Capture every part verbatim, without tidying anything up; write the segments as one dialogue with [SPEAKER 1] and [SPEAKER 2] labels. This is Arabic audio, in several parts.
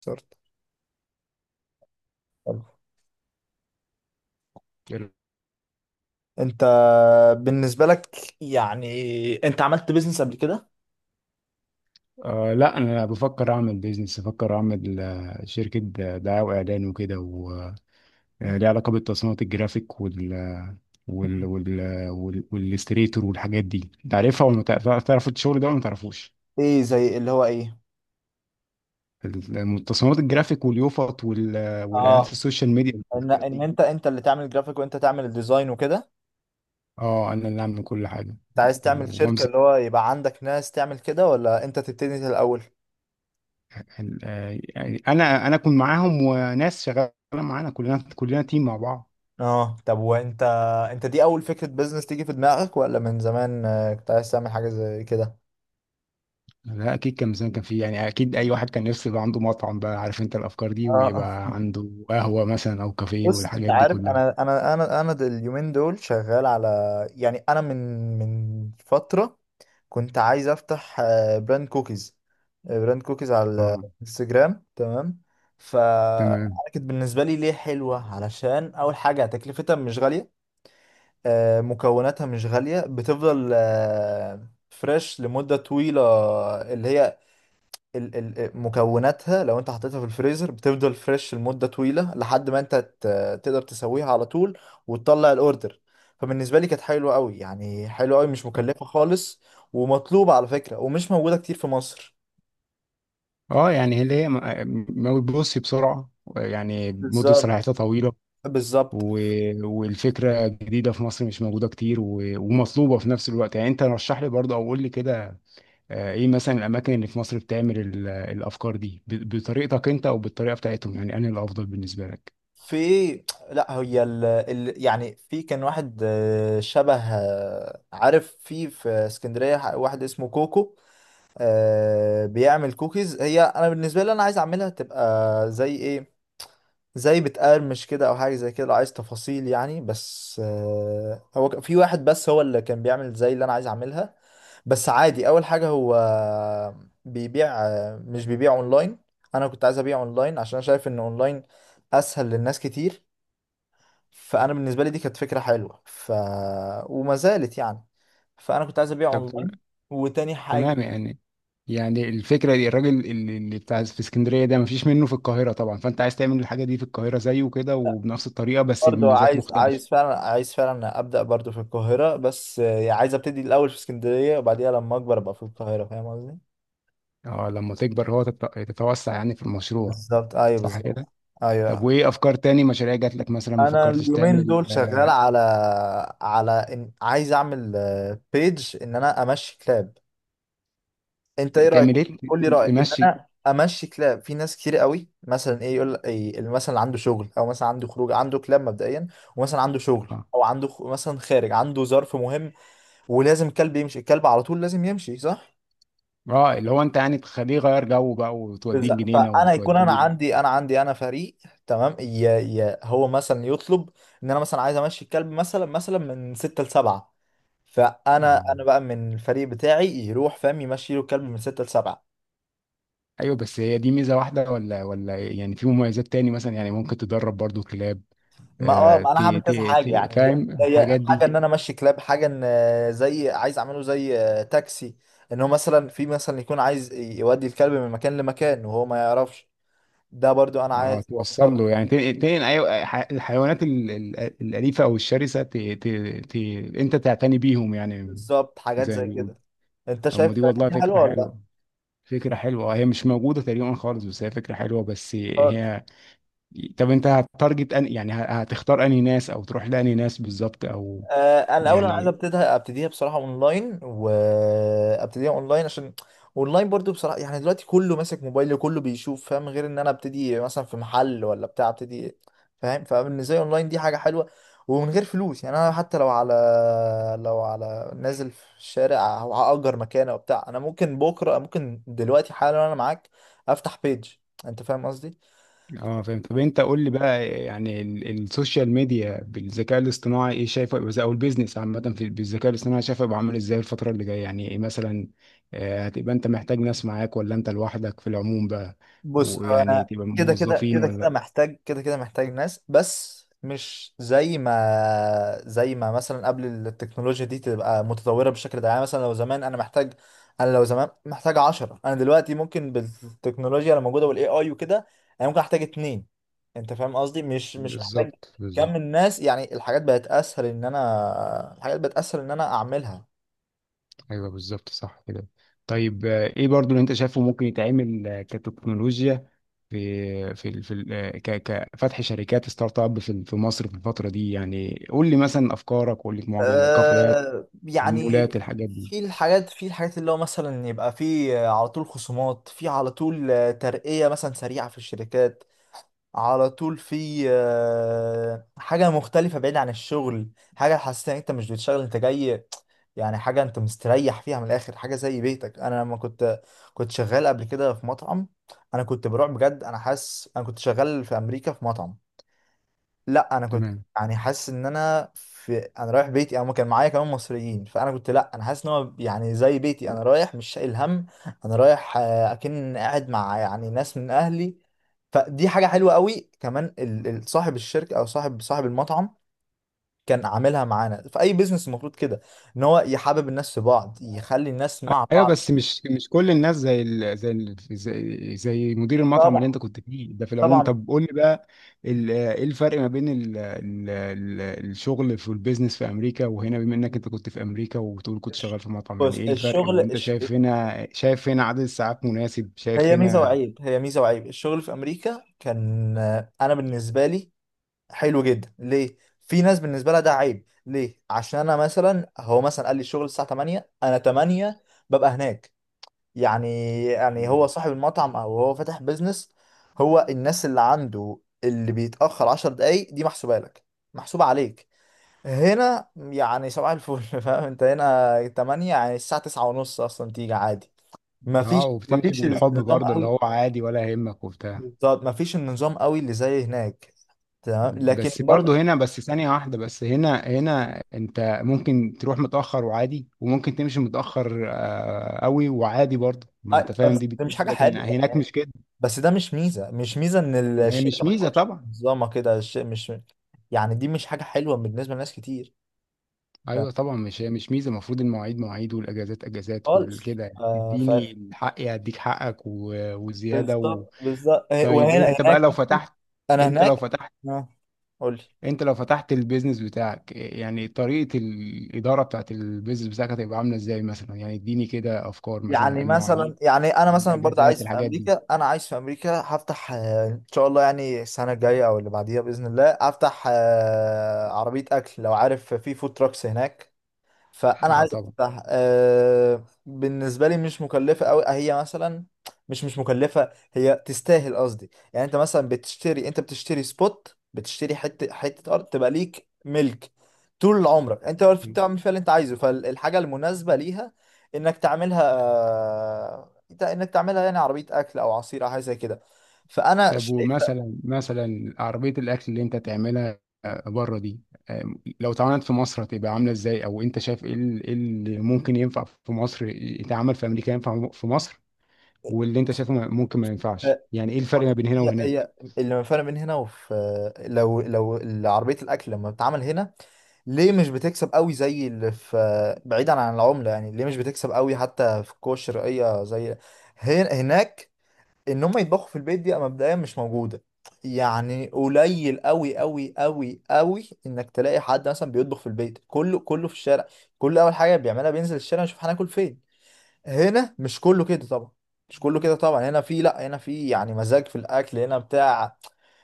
[SPEAKER 1] صرت حلو.
[SPEAKER 2] حلو.
[SPEAKER 1] انت بالنسبة لك، يعني انت عملت بيزنس قبل كده؟
[SPEAKER 2] آه لا انا بفكر اعمل بيزنس بفكر اعمل آه، شركه د- دعايه واعلان وكده وليه علاقه بالتصميمات الجرافيك وال وال
[SPEAKER 1] مم.
[SPEAKER 2] وال وال- والاستريتور والحاجات دي تعرفها ولا ما تعرف- تعرف الشغل ده ولا ما تعرفوش.
[SPEAKER 1] ايه زي اللي هو ايه؟
[SPEAKER 2] التصميمات الجرافيك واليوفط وال- والاعلانات في
[SPEAKER 1] اه.
[SPEAKER 2] السوشيال ميديا
[SPEAKER 1] ان
[SPEAKER 2] والحاجات
[SPEAKER 1] ان
[SPEAKER 2] دي.
[SPEAKER 1] انت انت اللي تعمل جرافيك وانت تعمل الديزاين وكده.
[SPEAKER 2] اه، انا اللي اعمل كل حاجه
[SPEAKER 1] انت عايز تعمل شركة
[SPEAKER 2] وامسك
[SPEAKER 1] اللي هو يبقى عندك ناس تعمل كده ولا انت تبتدي انت الاول؟
[SPEAKER 2] ال- آه، يعني انا انا اكون معاهم وناس شغاله معانا، كلنا كلنا تيم مع بعض.
[SPEAKER 1] اه، طب وانت، انت دي اول فكرة بيزنس تيجي في دماغك ولا من زمان آه، كنت عايز تعمل حاجة زي كده؟
[SPEAKER 2] لا اكيد، كان زمان كان في، يعني اكيد اي واحد كان نفسه يبقى عنده مطعم، بقى عارف انت الافكار دي،
[SPEAKER 1] اه،
[SPEAKER 2] ويبقى عنده قهوه مثلا او كافيه
[SPEAKER 1] بص انت
[SPEAKER 2] والحاجات دي
[SPEAKER 1] عارف،
[SPEAKER 2] كلها.
[SPEAKER 1] انا انا انا انا د- اليومين دول شغال على، يعني انا من من فترة كنت عايز افتح آه، براند كوكيز، آه، براند كوكيز على
[SPEAKER 2] اه.
[SPEAKER 1] الانستجرام، تمام. ف
[SPEAKER 2] تمام.
[SPEAKER 1] كانت بالنسبه لي ليه حلوه، علشان اول حاجه تكلفتها مش غاليه، آه، مكوناتها مش غاليه، بتفضل فريش لمده طويله، اللي هي ال- ال- مكوناتها لو انت حطيتها في الفريزر بتفضل فريش لمدة طويلة لحد ما انت ت- تقدر تسويها على طول وتطلع الاوردر. فبالنسبة لي كانت حلوة قوي، يعني حلوة قوي مش مكلفة خالص، ومطلوبة على فكرة، ومش موجودة كتير في مصر.
[SPEAKER 2] اه يعني اللي هي ما ما بتبص بسرعه، يعني مده
[SPEAKER 1] بالظبط،
[SPEAKER 2] صلاحيتها طويله
[SPEAKER 1] بالظبط.
[SPEAKER 2] و... والفكره جديده في مصر مش موجوده كتير و... ومطلوبه في نفس الوقت. يعني انت رشح لي برضه او قول لي كده، آه، ايه مثلا الاماكن اللي في مصر بتعمل ال... الافكار دي ب... بطريقتك انت او بالطريقه بتاعتهم، يعني انا الافضل بالنسبه لك.
[SPEAKER 1] في لا، هي ال... ال... يعني في كان واحد، آه، شبه، آه، عارف، في في اسكندرية ح- واحد اسمه كوكو، آه، بيعمل كوكيز. هي انا بالنسبه لي انا عايز اعملها تبقى زي ايه؟ زي بتقرمش كده او حاجه زي كده، لو عايز تفاصيل يعني. بس آه، هو ك- في واحد بس هو اللي كان بيعمل زي اللي انا عايز اعملها. بس عادي، اول حاجه هو بيبيع، آه، مش بيبيع اونلاين. انا كنت عايز ابيع اونلاين، عشان أنا شايف ان اونلاين اسهل للناس كتير. فانا بالنسبه لي دي كانت فكره حلوه، ف وما زالت يعني. فانا كنت عايز ابيع
[SPEAKER 2] طب
[SPEAKER 1] اونلاين. وتاني حاجه،
[SPEAKER 2] تمام، يعني يعني الفكره دي، الراجل اللي اللي بتاع في اسكندريه ده مفيش منه في القاهره طبعا، فانت عايز تعمل الحاجه دي في القاهره زيه كده وبنفس الطريقه بس
[SPEAKER 1] برضه
[SPEAKER 2] بميزات
[SPEAKER 1] عايز
[SPEAKER 2] مختلفه.
[SPEAKER 1] عايز فعلا، عايز فعلا ابدا برضه في القاهره، بس آه، عايز ابتدي الاول في اسكندريه، وبعديها لما اكبر ابقى في القاهره، فاهم قصدي.
[SPEAKER 2] اه لما تكبر هو تت- تتوسع يعني في المشروع.
[SPEAKER 1] بالظبط، ايوه
[SPEAKER 2] صح
[SPEAKER 1] بالظبط.
[SPEAKER 2] كده. طب
[SPEAKER 1] ايوه،
[SPEAKER 2] وايه افكار تاني مشاريع جات لك مثلا ما
[SPEAKER 1] انا
[SPEAKER 2] فكرتش
[SPEAKER 1] اليومين
[SPEAKER 2] تعمل؟
[SPEAKER 1] دول شغال على، على إن عايز اعمل بيج ان انا امشي كلاب. انت ايه رايك؟
[SPEAKER 2] تعمل ايه؟
[SPEAKER 1] قول لي
[SPEAKER 2] ت-
[SPEAKER 1] رايك ان
[SPEAKER 2] تمشي؟
[SPEAKER 1] انا امشي كلاب. في ناس كتير قوي، مثلا ايه يقول إيه؟ مثلا اللي عنده شغل او مثلا عنده خروج، عنده كلاب مبدئيا، ومثلا عنده شغل
[SPEAKER 2] اه.
[SPEAKER 1] او عنده خ- مثلا خارج، عنده ظرف مهم، ولازم الكلب يمشي. الكلب على طول لازم يمشي، صح؟
[SPEAKER 2] اه اللي هو انت يعني تخليه يغير جو بقى وتوديه
[SPEAKER 1] بز-
[SPEAKER 2] الجنينه
[SPEAKER 1] فانا يكون انا
[SPEAKER 2] وتوديه ال-
[SPEAKER 1] عندي، انا عندي انا فريق تمام، يا يا هو مثلا يطلب ان انا مثلا عايز امشي الكلب، مثلا مثلا من ستة لسبعة،
[SPEAKER 2] اه.
[SPEAKER 1] فانا انا بقى من الفريق بتاعي يروح، فاهم، يمشي له الكلب من ستة لسبعة.
[SPEAKER 2] ايوه بس هي دي ميزه واحده ولا ولا يعني في مميزات تاني مثلا، يعني ممكن تدرب برضو كلاب،
[SPEAKER 1] ما اه
[SPEAKER 2] آه،
[SPEAKER 1] ما انا هعمل
[SPEAKER 2] تي
[SPEAKER 1] كذا
[SPEAKER 2] تي
[SPEAKER 1] حاجة
[SPEAKER 2] تي
[SPEAKER 1] يعني.
[SPEAKER 2] فاهم
[SPEAKER 1] هي
[SPEAKER 2] الحاجات
[SPEAKER 1] حاجة
[SPEAKER 2] دي.
[SPEAKER 1] ان انا امشي كلاب، حاجة ان آه، زي عايز اعمله زي آه، تاكسي، ان هو مثلا في مثلا يكون عايز يودي الكلب من مكان لمكان وهو ما يعرفش، ده برضو انا عايز
[SPEAKER 2] اه توصل
[SPEAKER 1] اوفر.
[SPEAKER 2] له، يعني تنقل تنقل أي- ح- الحيوانات ال- ال- الأليفة أو الشرسة، تي تي تي أنت تعتني بيهم يعني،
[SPEAKER 1] بالظبط، حاجات
[SPEAKER 2] زي ما
[SPEAKER 1] زي
[SPEAKER 2] بيقولوا.
[SPEAKER 1] كده. انت
[SPEAKER 2] طب ما
[SPEAKER 1] شايف
[SPEAKER 2] دي
[SPEAKER 1] الحاجات
[SPEAKER 2] والله
[SPEAKER 1] دي
[SPEAKER 2] فكرة
[SPEAKER 1] حلوه ولا لا؟
[SPEAKER 2] حلوة، فكرة حلوة، آه، هي مش موجودة تقريبا خالص، بس هي فكرة حلوة بس
[SPEAKER 1] خالص
[SPEAKER 2] هي. طب أنت هتارجت أن يعني ه- هتختار أنهي ناس أو تروح لأنهي ناس بالظبط، أو
[SPEAKER 1] آه انا الاول انا عايز
[SPEAKER 2] يعني.
[SPEAKER 1] ابتديها ابتديها بصراحه اونلاين وابتديها اونلاين عشان اونلاين برضو بصراحه يعني دلوقتي كله ماسك موبايل كله بيشوف فاهم غير ان انا ابتدي مثلا في محل ولا بتاع ابتدي فاهم فبالنسبه لي اونلاين دي حاجه حلوه ومن غير فلوس يعني انا حتى لو على لو على نازل في الشارع او هاجر مكان او بتاع انا ممكن بكره ممكن دلوقتي حالا انا معاك افتح بيج انت فاهم قصدي
[SPEAKER 2] اه فاهم. طب انت قول لي بقى، يعني ال- السوشيال ميديا بالذكاء الاصطناعي ايه شايفه يبقى ازاي، او البيزنس عامه في بالذكاء الاصطناعي شايفه يبقى عامل ازاي الفتره اللي جايه، يعني ايه مثلا، آه، هتبقى انت محتاج ناس معاك ولا انت لوحدك في العموم بقى،
[SPEAKER 1] بص
[SPEAKER 2] ويعني
[SPEAKER 1] انا
[SPEAKER 2] تبقى
[SPEAKER 1] كده كده
[SPEAKER 2] موظفين
[SPEAKER 1] كده كده
[SPEAKER 2] ولا؟
[SPEAKER 1] محتاج كده كده محتاج ناس بس مش زي ما زي ما مثلا قبل التكنولوجيا دي تبقى متطورة بالشكل ده يعني مثلا لو زمان انا محتاج انا لو زمان محتاج عشرة انا دلوقتي ممكن بالتكنولوجيا اللي موجودة والاي اي وكده انا ممكن احتاج اتنين انت فاهم قصدي مش مش محتاج
[SPEAKER 2] بالظبط بالظبط.
[SPEAKER 1] كم الناس يعني الحاجات بقت اسهل ان انا الحاجات بقت اسهل ان انا اعملها
[SPEAKER 2] ايوه بالظبط، صح كده. طيب آه، ايه برضو اللي انت شايفه ممكن يتعمل آه، كتكنولوجيا، في في ال- في ال- آه، ك- كفتح شركات ستارت اب في في مصر في الفتره دي، يعني قول لي مثلا افكارك، قول لي معجب الكافيهات،
[SPEAKER 1] آه يعني
[SPEAKER 2] المولات، الحاجات دي.
[SPEAKER 1] في الحاجات في الحاجات اللي هو مثلا يبقى في على طول خصومات في على طول آه، ترقية مثلا سريعة في الشركات على طول في آه، حاجة مختلفة بعيد عن الشغل حاجة حاسس ان انت مش بتشتغل انت جاي يعني حاجة انت مستريح فيها من الاخر حاجة زي بيتك انا لما كنت كنت شغال قبل كده في مطعم انا كنت بروح بجد انا حاسس انا كنت شغال في امريكا في مطعم لا انا كنت
[SPEAKER 2] تمام.
[SPEAKER 1] يعني حاسس ان انا في انا رايح بيتي او كان معايا كمان مصريين فانا كنت لا انا حاسس ان هو يعني زي بيتي انا رايح مش شايل هم انا رايح آه، اكن قاعد مع يعني ناس من اهلي فدي حاجه حلوه قوي كمان ال- ال- صاحب الشركه او صاحب صاحب المطعم كان عاملها معانا في اي بيزنس المفروض كده ان هو يحبب الناس في بعض يخلي الناس مع
[SPEAKER 2] ايوه
[SPEAKER 1] بعض
[SPEAKER 2] بس مش مش كل الناس زي ال... زي ال... زي زي مدير المطعم اللي
[SPEAKER 1] طبعا
[SPEAKER 2] انت كنت فيه ده في العموم.
[SPEAKER 1] طبعا
[SPEAKER 2] طب قول لي بقى، ال... ايه الفرق ما بين ال... ال... ال... الشغل في البيزنس في امريكا وهنا، بما انك انت كنت في امريكا وبتقول كنت شغال في مطعم، يعني
[SPEAKER 1] بص
[SPEAKER 2] ايه الفرق؟
[SPEAKER 1] الشغل
[SPEAKER 2] وانت
[SPEAKER 1] الش...
[SPEAKER 2] شايف هنا، شايف هنا عدد الساعات مناسب، شايف
[SPEAKER 1] هي ميزه
[SPEAKER 2] هنا.
[SPEAKER 1] وعيب هي ميزه وعيب الشغل في امريكا كان آه، انا بالنسبه لي حلو جدا ليه في ناس بالنسبه لها ده عيب ليه عشان انا مثلا هو مثلا قال لي الشغل الساعه تمانية انا تمانية ببقى هناك يعني يعني هو
[SPEAKER 2] مم.
[SPEAKER 1] صاحب المطعم او هو فاتح بيزنس هو الناس اللي عنده اللي بيتاخر عشر دقايق دي محسوبه لك محسوبه عليك هنا يعني صباح الفل فاهم انت هنا تمانية يعني الساعه تسعة ونص اصلا تيجي عادي
[SPEAKER 2] اه،
[SPEAKER 1] مفيش
[SPEAKER 2] وبتمشي
[SPEAKER 1] مفيش
[SPEAKER 2] بالحب
[SPEAKER 1] النظام
[SPEAKER 2] برضه اللي
[SPEAKER 1] قوي
[SPEAKER 2] هو عادي ولا يهمك وبتاع.
[SPEAKER 1] بالظبط مفيش النظام قوي اللي زي هناك تمام لكن
[SPEAKER 2] بس برضه هنا، بس ثانية واحدة، بس هنا هنا انت ممكن تروح متأخر وعادي وممكن تمشي متأخر آه، قوي وعادي برضه، ما
[SPEAKER 1] أي-
[SPEAKER 2] انت فاهم
[SPEAKER 1] بس
[SPEAKER 2] دي
[SPEAKER 1] ده
[SPEAKER 2] بتقول
[SPEAKER 1] مش
[SPEAKER 2] إيه،
[SPEAKER 1] حاجة
[SPEAKER 2] لكن
[SPEAKER 1] حلوة
[SPEAKER 2] هناك
[SPEAKER 1] يعني
[SPEAKER 2] مش كده.
[SPEAKER 1] بس ده مش ميزة مش ميزة إن
[SPEAKER 2] ما هي مش
[SPEAKER 1] الشركة ما
[SPEAKER 2] ميزة
[SPEAKER 1] تكونش
[SPEAKER 2] طبعا.
[SPEAKER 1] منظمة كده الشيء مش يعني دي مش حاجة حلوة بالنسبة لناس كتير ف-
[SPEAKER 2] ايوه طبعا، مش هي مش ميزة، المفروض المواعيد مواعيد والاجازات اجازات
[SPEAKER 1] خالص
[SPEAKER 2] والكده، يعني
[SPEAKER 1] آه. ف
[SPEAKER 2] تديني الحق هديك حقك و- وزيادة و...
[SPEAKER 1] بالظبط بالظبط،
[SPEAKER 2] طيب
[SPEAKER 1] وهنا
[SPEAKER 2] انت بقى
[SPEAKER 1] هناك،
[SPEAKER 2] لو فتحت،
[SPEAKER 1] أنا
[SPEAKER 2] انت لو
[SPEAKER 1] هناك
[SPEAKER 2] فتحت،
[SPEAKER 1] آه. قول لي.
[SPEAKER 2] انت لو فتحت البيزنس بتاعك، يعني طريقة الإدارة بتاعت البيزنس بتاعك هتبقى عاملة ازاي مثلا؟ يعني اديني كده أفكار، مثلا
[SPEAKER 1] يعني
[SPEAKER 2] المواعيد،
[SPEAKER 1] مثلا، يعني أنا مثلا برضه
[SPEAKER 2] الأجازات،
[SPEAKER 1] عايز في
[SPEAKER 2] الحاجات دي.
[SPEAKER 1] أمريكا، أنا عايز في أمريكا هفتح، آه، إن شاء الله يعني السنة الجاية أو اللي بعديها بإذن الله، أفتح آه، عربية أكل، لو عارف في فود تراكس هناك. فانا
[SPEAKER 2] اه
[SPEAKER 1] عايز
[SPEAKER 2] طبعا.
[SPEAKER 1] افتح أه، بالنسبه لي مش مكلفه قوي هي مثلا، مش مش مكلفه، هي تستاهل قصدي. يعني انت مثلا بتشتري، انت بتشتري سبوت، بتشتري حته، حته ارض تبقى ليك ملك طول عمرك، انت عارف تعمل فيها اللي انت عايزه، فالحاجه المناسبه ليها انك تعملها، آه، انك تعملها يعني عربيه اكل او عصير او حاجه زي كده. فانا
[SPEAKER 2] طب
[SPEAKER 1] شايف
[SPEAKER 2] ومثلا مثلا عربية الأكل اللي انت تعملها بره دي، آم، لو اتعملت في مصر هتبقى عاملة ازاي، أو انت شايف ايه ال- ايه اللي ممكن ينفع في مصر يتعمل في أمريكا ينفع في مصر، واللي انت شايفه ممكن ما ينفعش، يعني ايه الفرق ما بين هنا
[SPEAKER 1] هي
[SPEAKER 2] وهناك؟
[SPEAKER 1] هي اللي فرق بين هنا وفي، لو لو عربية الأكل لما بتتعمل هنا ليه مش بتكسب قوي زي اللي في، بعيدا عن العملة، يعني ليه مش بتكسب قوي حتى في الكوش الشرقية زي هن- هناك. إن هم يطبخوا في البيت، دي مبدئيا مش موجودة، يعني قليل قوي قوي قوي قوي إنك تلاقي حد مثلا بيطبخ في البيت. كله كله في الشارع، كله أول حاجة بيعملها بينزل الشارع يشوف هناكل فين. هنا مش كله كده طبعا، مش كله كده طبعا. هنا في، لا هنا في يعني مزاج في الاكل هنا بتاع،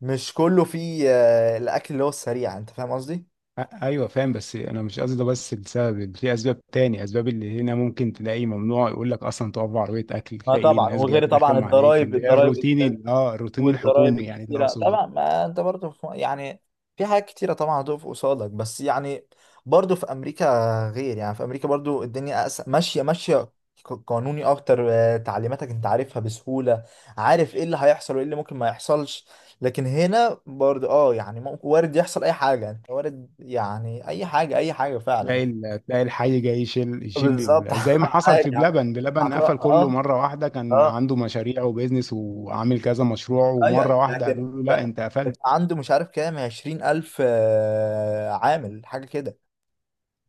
[SPEAKER 1] مش كله في آه، الاكل اللي هو السريع، انت فاهم قصدي.
[SPEAKER 2] أ- ايوه فاهم، بس انا مش قصدي ده، بس لسبب في اسباب تاني، اسباب اللي هنا ممكن تلاقي ممنوع يقول لك اصلا تقف بعربيه اكل،
[SPEAKER 1] اه
[SPEAKER 2] تلاقي
[SPEAKER 1] طبعا،
[SPEAKER 2] الناس جايه
[SPEAKER 1] وغير طبعا
[SPEAKER 2] ترخم عليك،
[SPEAKER 1] الضرايب،
[SPEAKER 2] اللي هي
[SPEAKER 1] الضرايب
[SPEAKER 2] الروتين ال- اه الروتين
[SPEAKER 1] والضرايب
[SPEAKER 2] الحكومي، يعني ده
[SPEAKER 1] الكتيرة
[SPEAKER 2] اقصده.
[SPEAKER 1] طبعا، ما انت برضو في يعني في حاجات كتيرة طبعا هتقف قصادك، بس يعني برضو في امريكا، غير يعني في امريكا برضو الدنيا أس... ماشية ماشية، ق- قانوني اكتر، آه، تعليماتك انت عارفها بسهولة، عارف ايه اللي هيحصل وايه اللي ممكن ما يحصلش. لكن هنا برضو اه يعني ممكن وارد يحصل اي حاجة، انت وارد يعني اي حاجة، اي حاجة فعلا.
[SPEAKER 2] تلاقي ال- تلاقي الحي جاي يشيل يشيل
[SPEAKER 1] بالظبط.
[SPEAKER 2] ال- زي ما حصل في
[SPEAKER 1] حاجة
[SPEAKER 2] بلبن، بلبن
[SPEAKER 1] هتروح
[SPEAKER 2] قفل كله
[SPEAKER 1] اه.
[SPEAKER 2] مره واحده، كان
[SPEAKER 1] اه،
[SPEAKER 2] عنده مشاريع وبيزنس وعامل كذا مشروع
[SPEAKER 1] ايوه،
[SPEAKER 2] ومره واحده
[SPEAKER 1] لكن
[SPEAKER 2] قالوا له لا
[SPEAKER 1] ده
[SPEAKER 2] انت قفلت.
[SPEAKER 1] عنده مش عارف كام، عشرين ألف آه، عامل حاجة كده.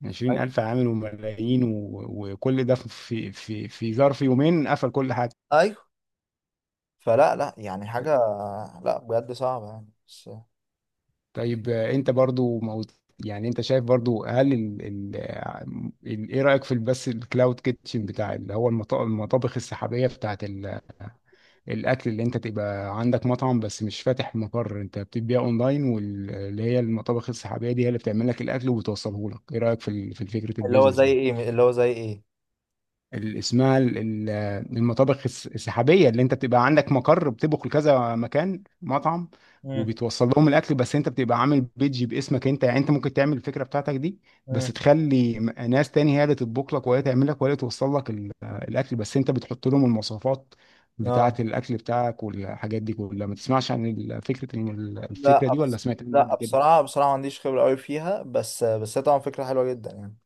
[SPEAKER 2] عشرين الف عامل وملايين و- وكل ده في في في ظرف يومين قفل كل حاجه.
[SPEAKER 1] أيوه. فلا لا، يعني حاجة لا بجد صعبة يعني، بس
[SPEAKER 2] طيب آه، انت برضو موت، يعني انت شايف برضو هل ال... ال... ال... ايه رأيك في بس الكلاود كيتشن بتاع، اللي هو المط... المطابخ السحابية بتاعت ال... الاكل، اللي انت تبقى عندك مطعم بس مش فاتح مقر، انت بتبيع اونلاين، واللي هي المطابخ السحابية دي هي اللي بتعمل لك الاكل وبتوصله لك، ايه رأيك في ال... في فكرة
[SPEAKER 1] اللي هو
[SPEAKER 2] البيزنس
[SPEAKER 1] زي
[SPEAKER 2] دي؟
[SPEAKER 1] إيه؟ اللي هو زي إيه؟
[SPEAKER 2] ال- اسمها ال- ال- المطابخ الس- السحابيه اللي انت بتبقى عندك مقر بتطبخ لكذا مكان مطعم
[SPEAKER 1] امم،
[SPEAKER 2] وبتوصل لهم الاكل، بس انت بتبقى عامل بيدج باسمك انت، يعني انت ممكن تعمل الفكره بتاعتك دي، بس
[SPEAKER 1] امم.
[SPEAKER 2] تخلي م- ناس تاني هي اللي تطبخ لك وهي تعمل لك وهي اللي توصل لك ال- الاكل، بس انت بتحط لهم المواصفات بتاعه
[SPEAKER 1] اه،
[SPEAKER 2] الاكل بتاعك والحاجات دي كلها. ما تسمعش عن ال- فكره الم- الفكره
[SPEAKER 1] لا
[SPEAKER 2] دي ولا
[SPEAKER 1] بس،
[SPEAKER 2] سمعت عنها
[SPEAKER 1] لا
[SPEAKER 2] قبل كده؟
[SPEAKER 1] بصراحة، بصراحة ما عنديش خبرة قوي فيها، بس بس هي طبعا فكرة حلوة جدا يعني،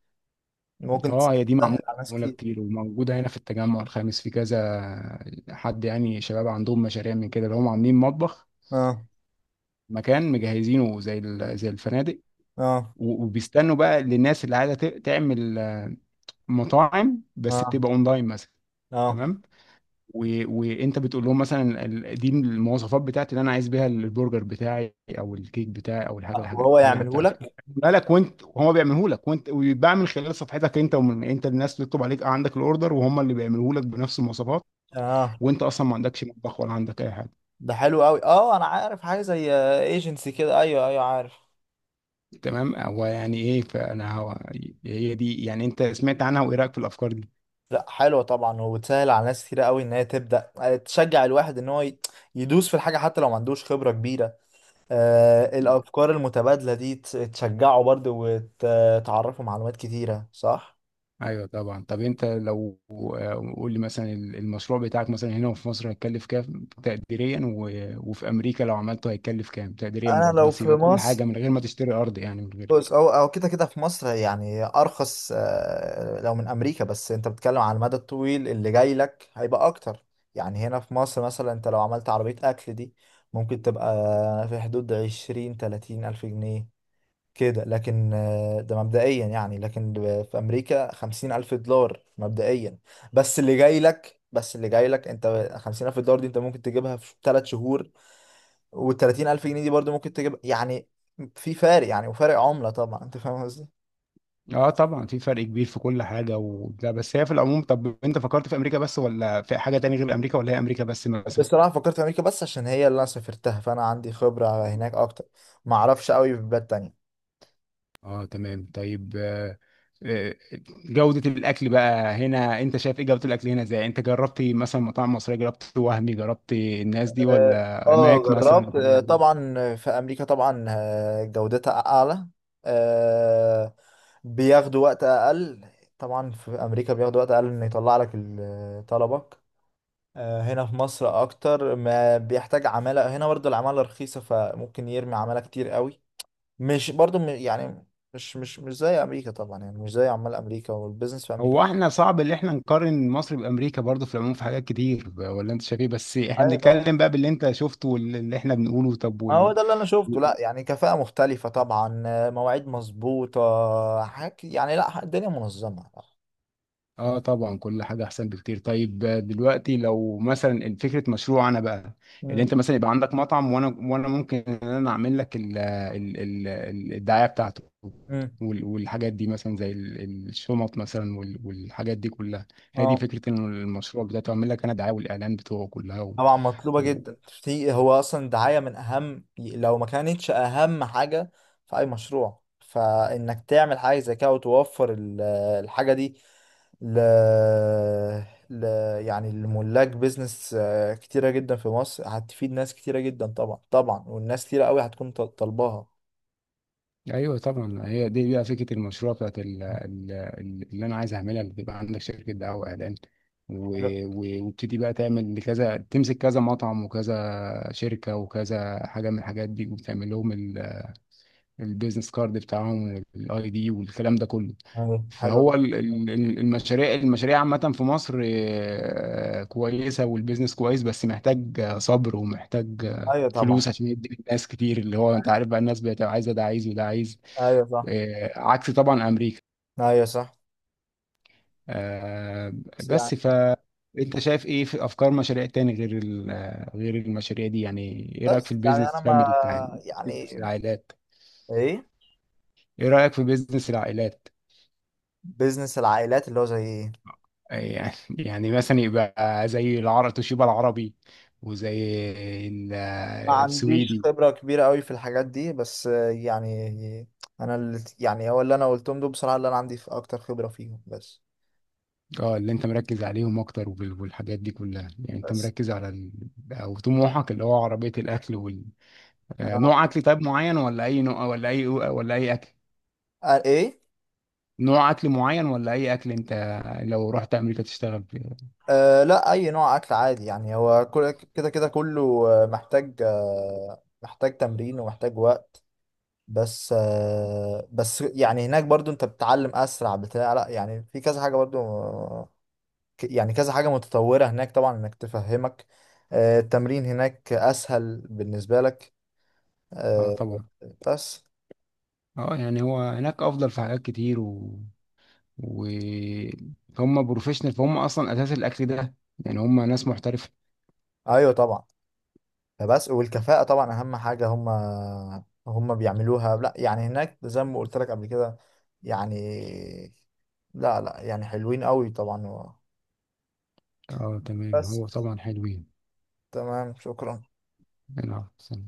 [SPEAKER 1] ممكن
[SPEAKER 2] اه،
[SPEAKER 1] تسهل
[SPEAKER 2] هي دي معمولة
[SPEAKER 1] على ناس
[SPEAKER 2] معمولة
[SPEAKER 1] كتير.
[SPEAKER 2] كتير وموجودة هنا في التجمع الخامس في كذا حد، يعني شباب عندهم مشاريع من كده اللي هم عاملين مطبخ،
[SPEAKER 1] اه،
[SPEAKER 2] مكان مجهزينه زي ال- زي الفنادق
[SPEAKER 1] اه،
[SPEAKER 2] و- وبيستنوا بقى للناس اللي عايزة ت- تعمل آه، مطاعم بس
[SPEAKER 1] اه،
[SPEAKER 2] بتبقى اونلاين مثلا.
[SPEAKER 1] اه،
[SPEAKER 2] تمام و... وانت بتقول لهم مثلا ال- دي المواصفات بتاعتي اللي انا عايز بيها البرجر بتاعي او الكيك بتاعي او الحاجه الحاجه,
[SPEAKER 1] وهو
[SPEAKER 2] الحاجة دي
[SPEAKER 1] يعمله
[SPEAKER 2] بتاعتي، هو
[SPEAKER 1] لك،
[SPEAKER 2] بيعملها لك، وانت هما بيعمله لك، وانت ويتباع من خلال صفحتك انت، ومن انت الناس تطلب عليك، عندك الاوردر وهم اللي بيعمله لك بنفس المواصفات،
[SPEAKER 1] اه.
[SPEAKER 2] وانت اصلا ما عندكش مطبخ ولا عندك اي حاجه.
[SPEAKER 1] ده حلو قوي، اه انا عارف حاجة زي ايجنسي كده، ايوه ايوه عارف.
[SPEAKER 2] تمام. هو يعني ايه، فانا هو، هي دي يعني انت سمعت عنها وايه رايك في الافكار دي؟
[SPEAKER 1] لا حلوة طبعا، وبتسهل على ناس كتير قوي ان هي تبدأ، آه، تشجع الواحد ان هو ي- يدوس في الحاجة حتى لو ما عندوش خبرة كبيرة. آه، الأفكار المتبادلة دي تس- تشجعه برضه وتعرفه معلومات كتيرة، صح؟
[SPEAKER 2] ايوه طبعا. طب انت لو آه، قول لي مثلا ال- المشروع بتاعك مثلا هنا في مصر هيتكلف كام تقديريا و- وفي امريكا لو عملته هيتكلف كام تقديريا
[SPEAKER 1] انا
[SPEAKER 2] برضه،
[SPEAKER 1] لو
[SPEAKER 2] بس
[SPEAKER 1] في
[SPEAKER 2] يبقى كل حاجه
[SPEAKER 1] مصر،
[SPEAKER 2] من غير ما تشتري ارض، يعني من غير.
[SPEAKER 1] بص، او او كده كده في مصر يعني ارخص، آه، لو من امريكا، بس انت بتتكلم على المدى الطويل، اللي جاي لك هيبقى اكتر. يعني هنا في مصر مثلا انت لو عملت عربية اكل دي ممكن تبقى في حدود عشرين تلاتين الف جنيه كده، لكن آه، ده مبدئيا يعني. لكن ب- في أمريكا خمسين ألف دولار مبدئيا، بس اللي جاي لك، بس اللي جاي لك أنت خمسين ألف دولار دي أنت ممكن تجيبها في ثلاث شهور، والتلاتين ألف جنيه دي برضه ممكن تجيب يعني. في فارق يعني، وفارق عملة طبعا، أنت فاهم قصدي.
[SPEAKER 2] اه طبعا في فرق كبير في كل حاجه وده، بس هي في العموم. طب انت فكرت في امريكا بس، ولا في حاجه تانية غير امريكا، ولا هي امريكا بس مثلا؟
[SPEAKER 1] بصراحة فكرت في أمريكا بس عشان هي اللي أنا سافرتها فأنا عندي خبرة هناك أكتر، ما أعرفش قوي في بلاد تانية.
[SPEAKER 2] اه تمام. طيب آه، آه، جودة الأكل بقى هنا، أنت شايف إيه جودة الأكل هنا إزاي؟ أنت جربت مثلا مطاعم مصرية، جربت وهمي، جربت الناس دي
[SPEAKER 1] اه،
[SPEAKER 2] ولا
[SPEAKER 1] آه،
[SPEAKER 2] ماك مثلا
[SPEAKER 1] جربت، آه،
[SPEAKER 2] الحاجات دي؟
[SPEAKER 1] طبعا في امريكا طبعا، آه، جودتها اعلى، آه، بياخدوا وقت اقل. طبعا في امريكا بياخدوا وقت اقل ان يطلع لك ال- طلبك. آه، هنا في مصر اكتر ما بيحتاج عمالة، هنا برضه العمالة رخيصة، فممكن يرمي عمالة كتير قوي. مش برضه م- يعني مش مش مش زي امريكا طبعا، يعني مش زي عمال امريكا والبيزنس في امريكا.
[SPEAKER 2] هو إحنا صعب إن إحنا نقارن مصر بأمريكا برضه في العموم، في حاجات كتير، ولا أنت شايف إيه؟ بس إحنا
[SPEAKER 1] ايوه طبعا،
[SPEAKER 2] بنتكلم بقى باللي أنت شفته واللي إحنا بنقوله. طب
[SPEAKER 1] آه، هو
[SPEAKER 2] وال...
[SPEAKER 1] ده اللي انا شفته. لا يعني كفاءة مختلفة طبعا، آه، مواعيد مظبوطة، حاجة يعني، لا الدنيا منظمة.
[SPEAKER 2] اه طبعا كل حاجة احسن بكتير. طيب آه، دلوقتي لو مثلا فكرة مشروع انا بقى، اللي
[SPEAKER 1] مم.
[SPEAKER 2] انت مثلا يبقى عندك مطعم، وانا وانا ممكن ان انا اعمل لك ال ال ال الدعاية بتاعته
[SPEAKER 1] مم.
[SPEAKER 2] وال- والحاجات دي مثلا زي ال- الشنط مثلا وال- والحاجات دي كلها. هي دي
[SPEAKER 1] اه
[SPEAKER 2] فكرة ان المشروع بتاعته، اعمل لك انا دعاية والاعلان بتوعه كلها.
[SPEAKER 1] طبعا مطلوبة جدا، في هو اصلا الدعاية من اهم لو ما كانتش اهم حاجة في اي مشروع، فانك تعمل حاجة زي كده وتوفر ال- الحاجة دي ل... ل... يعني الملاك بيزنس آه، كتيرة جدا في مصر، هتفيد ناس كتيرة جدا طبعا طبعا، والناس كتيرة قوي هتكون طل- طالباها.
[SPEAKER 2] ايوه طبعا. هي دي بقى فكره المشروع بتاعت ال- ال- ال- اللي انا عايز اعملها، اللي تبقى عندك شركه دعايه واعلان و- و- وابتدي بقى تعمل كذا، تمسك كذا مطعم وكذا شركه وكذا حاجه من الحاجات دي، وتعمل لهم ال- البيزنس كارد بتاعهم والاي دي والكلام ده كله.
[SPEAKER 1] ايوه حلو
[SPEAKER 2] فهو
[SPEAKER 1] جدا.
[SPEAKER 2] ال- ال- ال- المشاريع المشاريع عامه في مصر آه، كويسه والبيزنس كويس، بس محتاج آه، صبر ومحتاج آه،
[SPEAKER 1] ايوه طبعا.
[SPEAKER 2] فلوس، عشان يدي الناس كتير اللي هو انت عارف بقى، الناس بقت عايزه ده عايز وده عايز،
[SPEAKER 1] ايوه صح.
[SPEAKER 2] آه، عكس طبعا امريكا.
[SPEAKER 1] ايوه صح.
[SPEAKER 2] آه،
[SPEAKER 1] بس يعني،
[SPEAKER 2] بس ف انت شايف ايه في افكار مشاريع تاني غير ال- آه، غير المشاريع دي يعني؟ ايه رايك في
[SPEAKER 1] بس يعني انا
[SPEAKER 2] البيزنس
[SPEAKER 1] ما،
[SPEAKER 2] فاميلي بتاع، بيزنس
[SPEAKER 1] يعني
[SPEAKER 2] العائلات،
[SPEAKER 1] ايه
[SPEAKER 2] ايه رايك في بيزنس العائلات؟
[SPEAKER 1] بيزنس العائلات اللي هو زي ايه؟
[SPEAKER 2] آه، يعني يعني مثلا يبقى زي العرب توشيبا العربي وزي ال-
[SPEAKER 1] ما
[SPEAKER 2] آه،
[SPEAKER 1] عنديش
[SPEAKER 2] السويدي.
[SPEAKER 1] خبرة كبيرة قوي في الحاجات دي، بس آه، يعني انا اللي يعني هو اللي انا قلتهم دول بصراحة، اللي انا عندي في اكتر خبرة فيهم بس.
[SPEAKER 2] اه اللي انت مركز عليهم اكتر وال- والحاجات دي كلها، يعني انت
[SPEAKER 1] بس
[SPEAKER 2] مركز على ال... او طموحك اللي هو عربية الاكل وال... آه،
[SPEAKER 1] آه.
[SPEAKER 2] نوع اكل طيب معين ولا اي نوع ولا اي ولا اي اكل؟
[SPEAKER 1] آه ايه.
[SPEAKER 2] نوع اكل معين ولا اي اكل انت لو رحت امريكا تشتغل فيه؟
[SPEAKER 1] آه لا، اي نوع اكل عادي يعني، هو كل- كده كده كله آه، محتاج آه، محتاج تمرين ومحتاج وقت. بس آه، بس يعني هناك برضو انت بتتعلم اسرع بتاع، لا يعني في كذا حاجه برضو آه، ك- يعني كذا حاجه متطوره هناك طبعا، انك تفهمك آه، التمرين هناك اسهل بالنسبه لك،
[SPEAKER 2] اه
[SPEAKER 1] آه،
[SPEAKER 2] طبعا.
[SPEAKER 1] بس
[SPEAKER 2] اه يعني هو هناك افضل في حاجات كتير و... و... هم بروفيشنال، فهم اصلا اساس الاكل ده، يعني هم ناس محترفه.
[SPEAKER 1] ايوه طبعا. فبس، والكفاءه طبعا اهم حاجه هم هم بيعملوها. لا يعني هناك زي ما قلت لك قبل كده، يعني لا لا، يعني حلوين قوي طبعا،
[SPEAKER 2] اه تمام،
[SPEAKER 1] بس
[SPEAKER 2] هو طبعا حلوين.
[SPEAKER 1] تمام شكرا.
[SPEAKER 2] انا أحسن.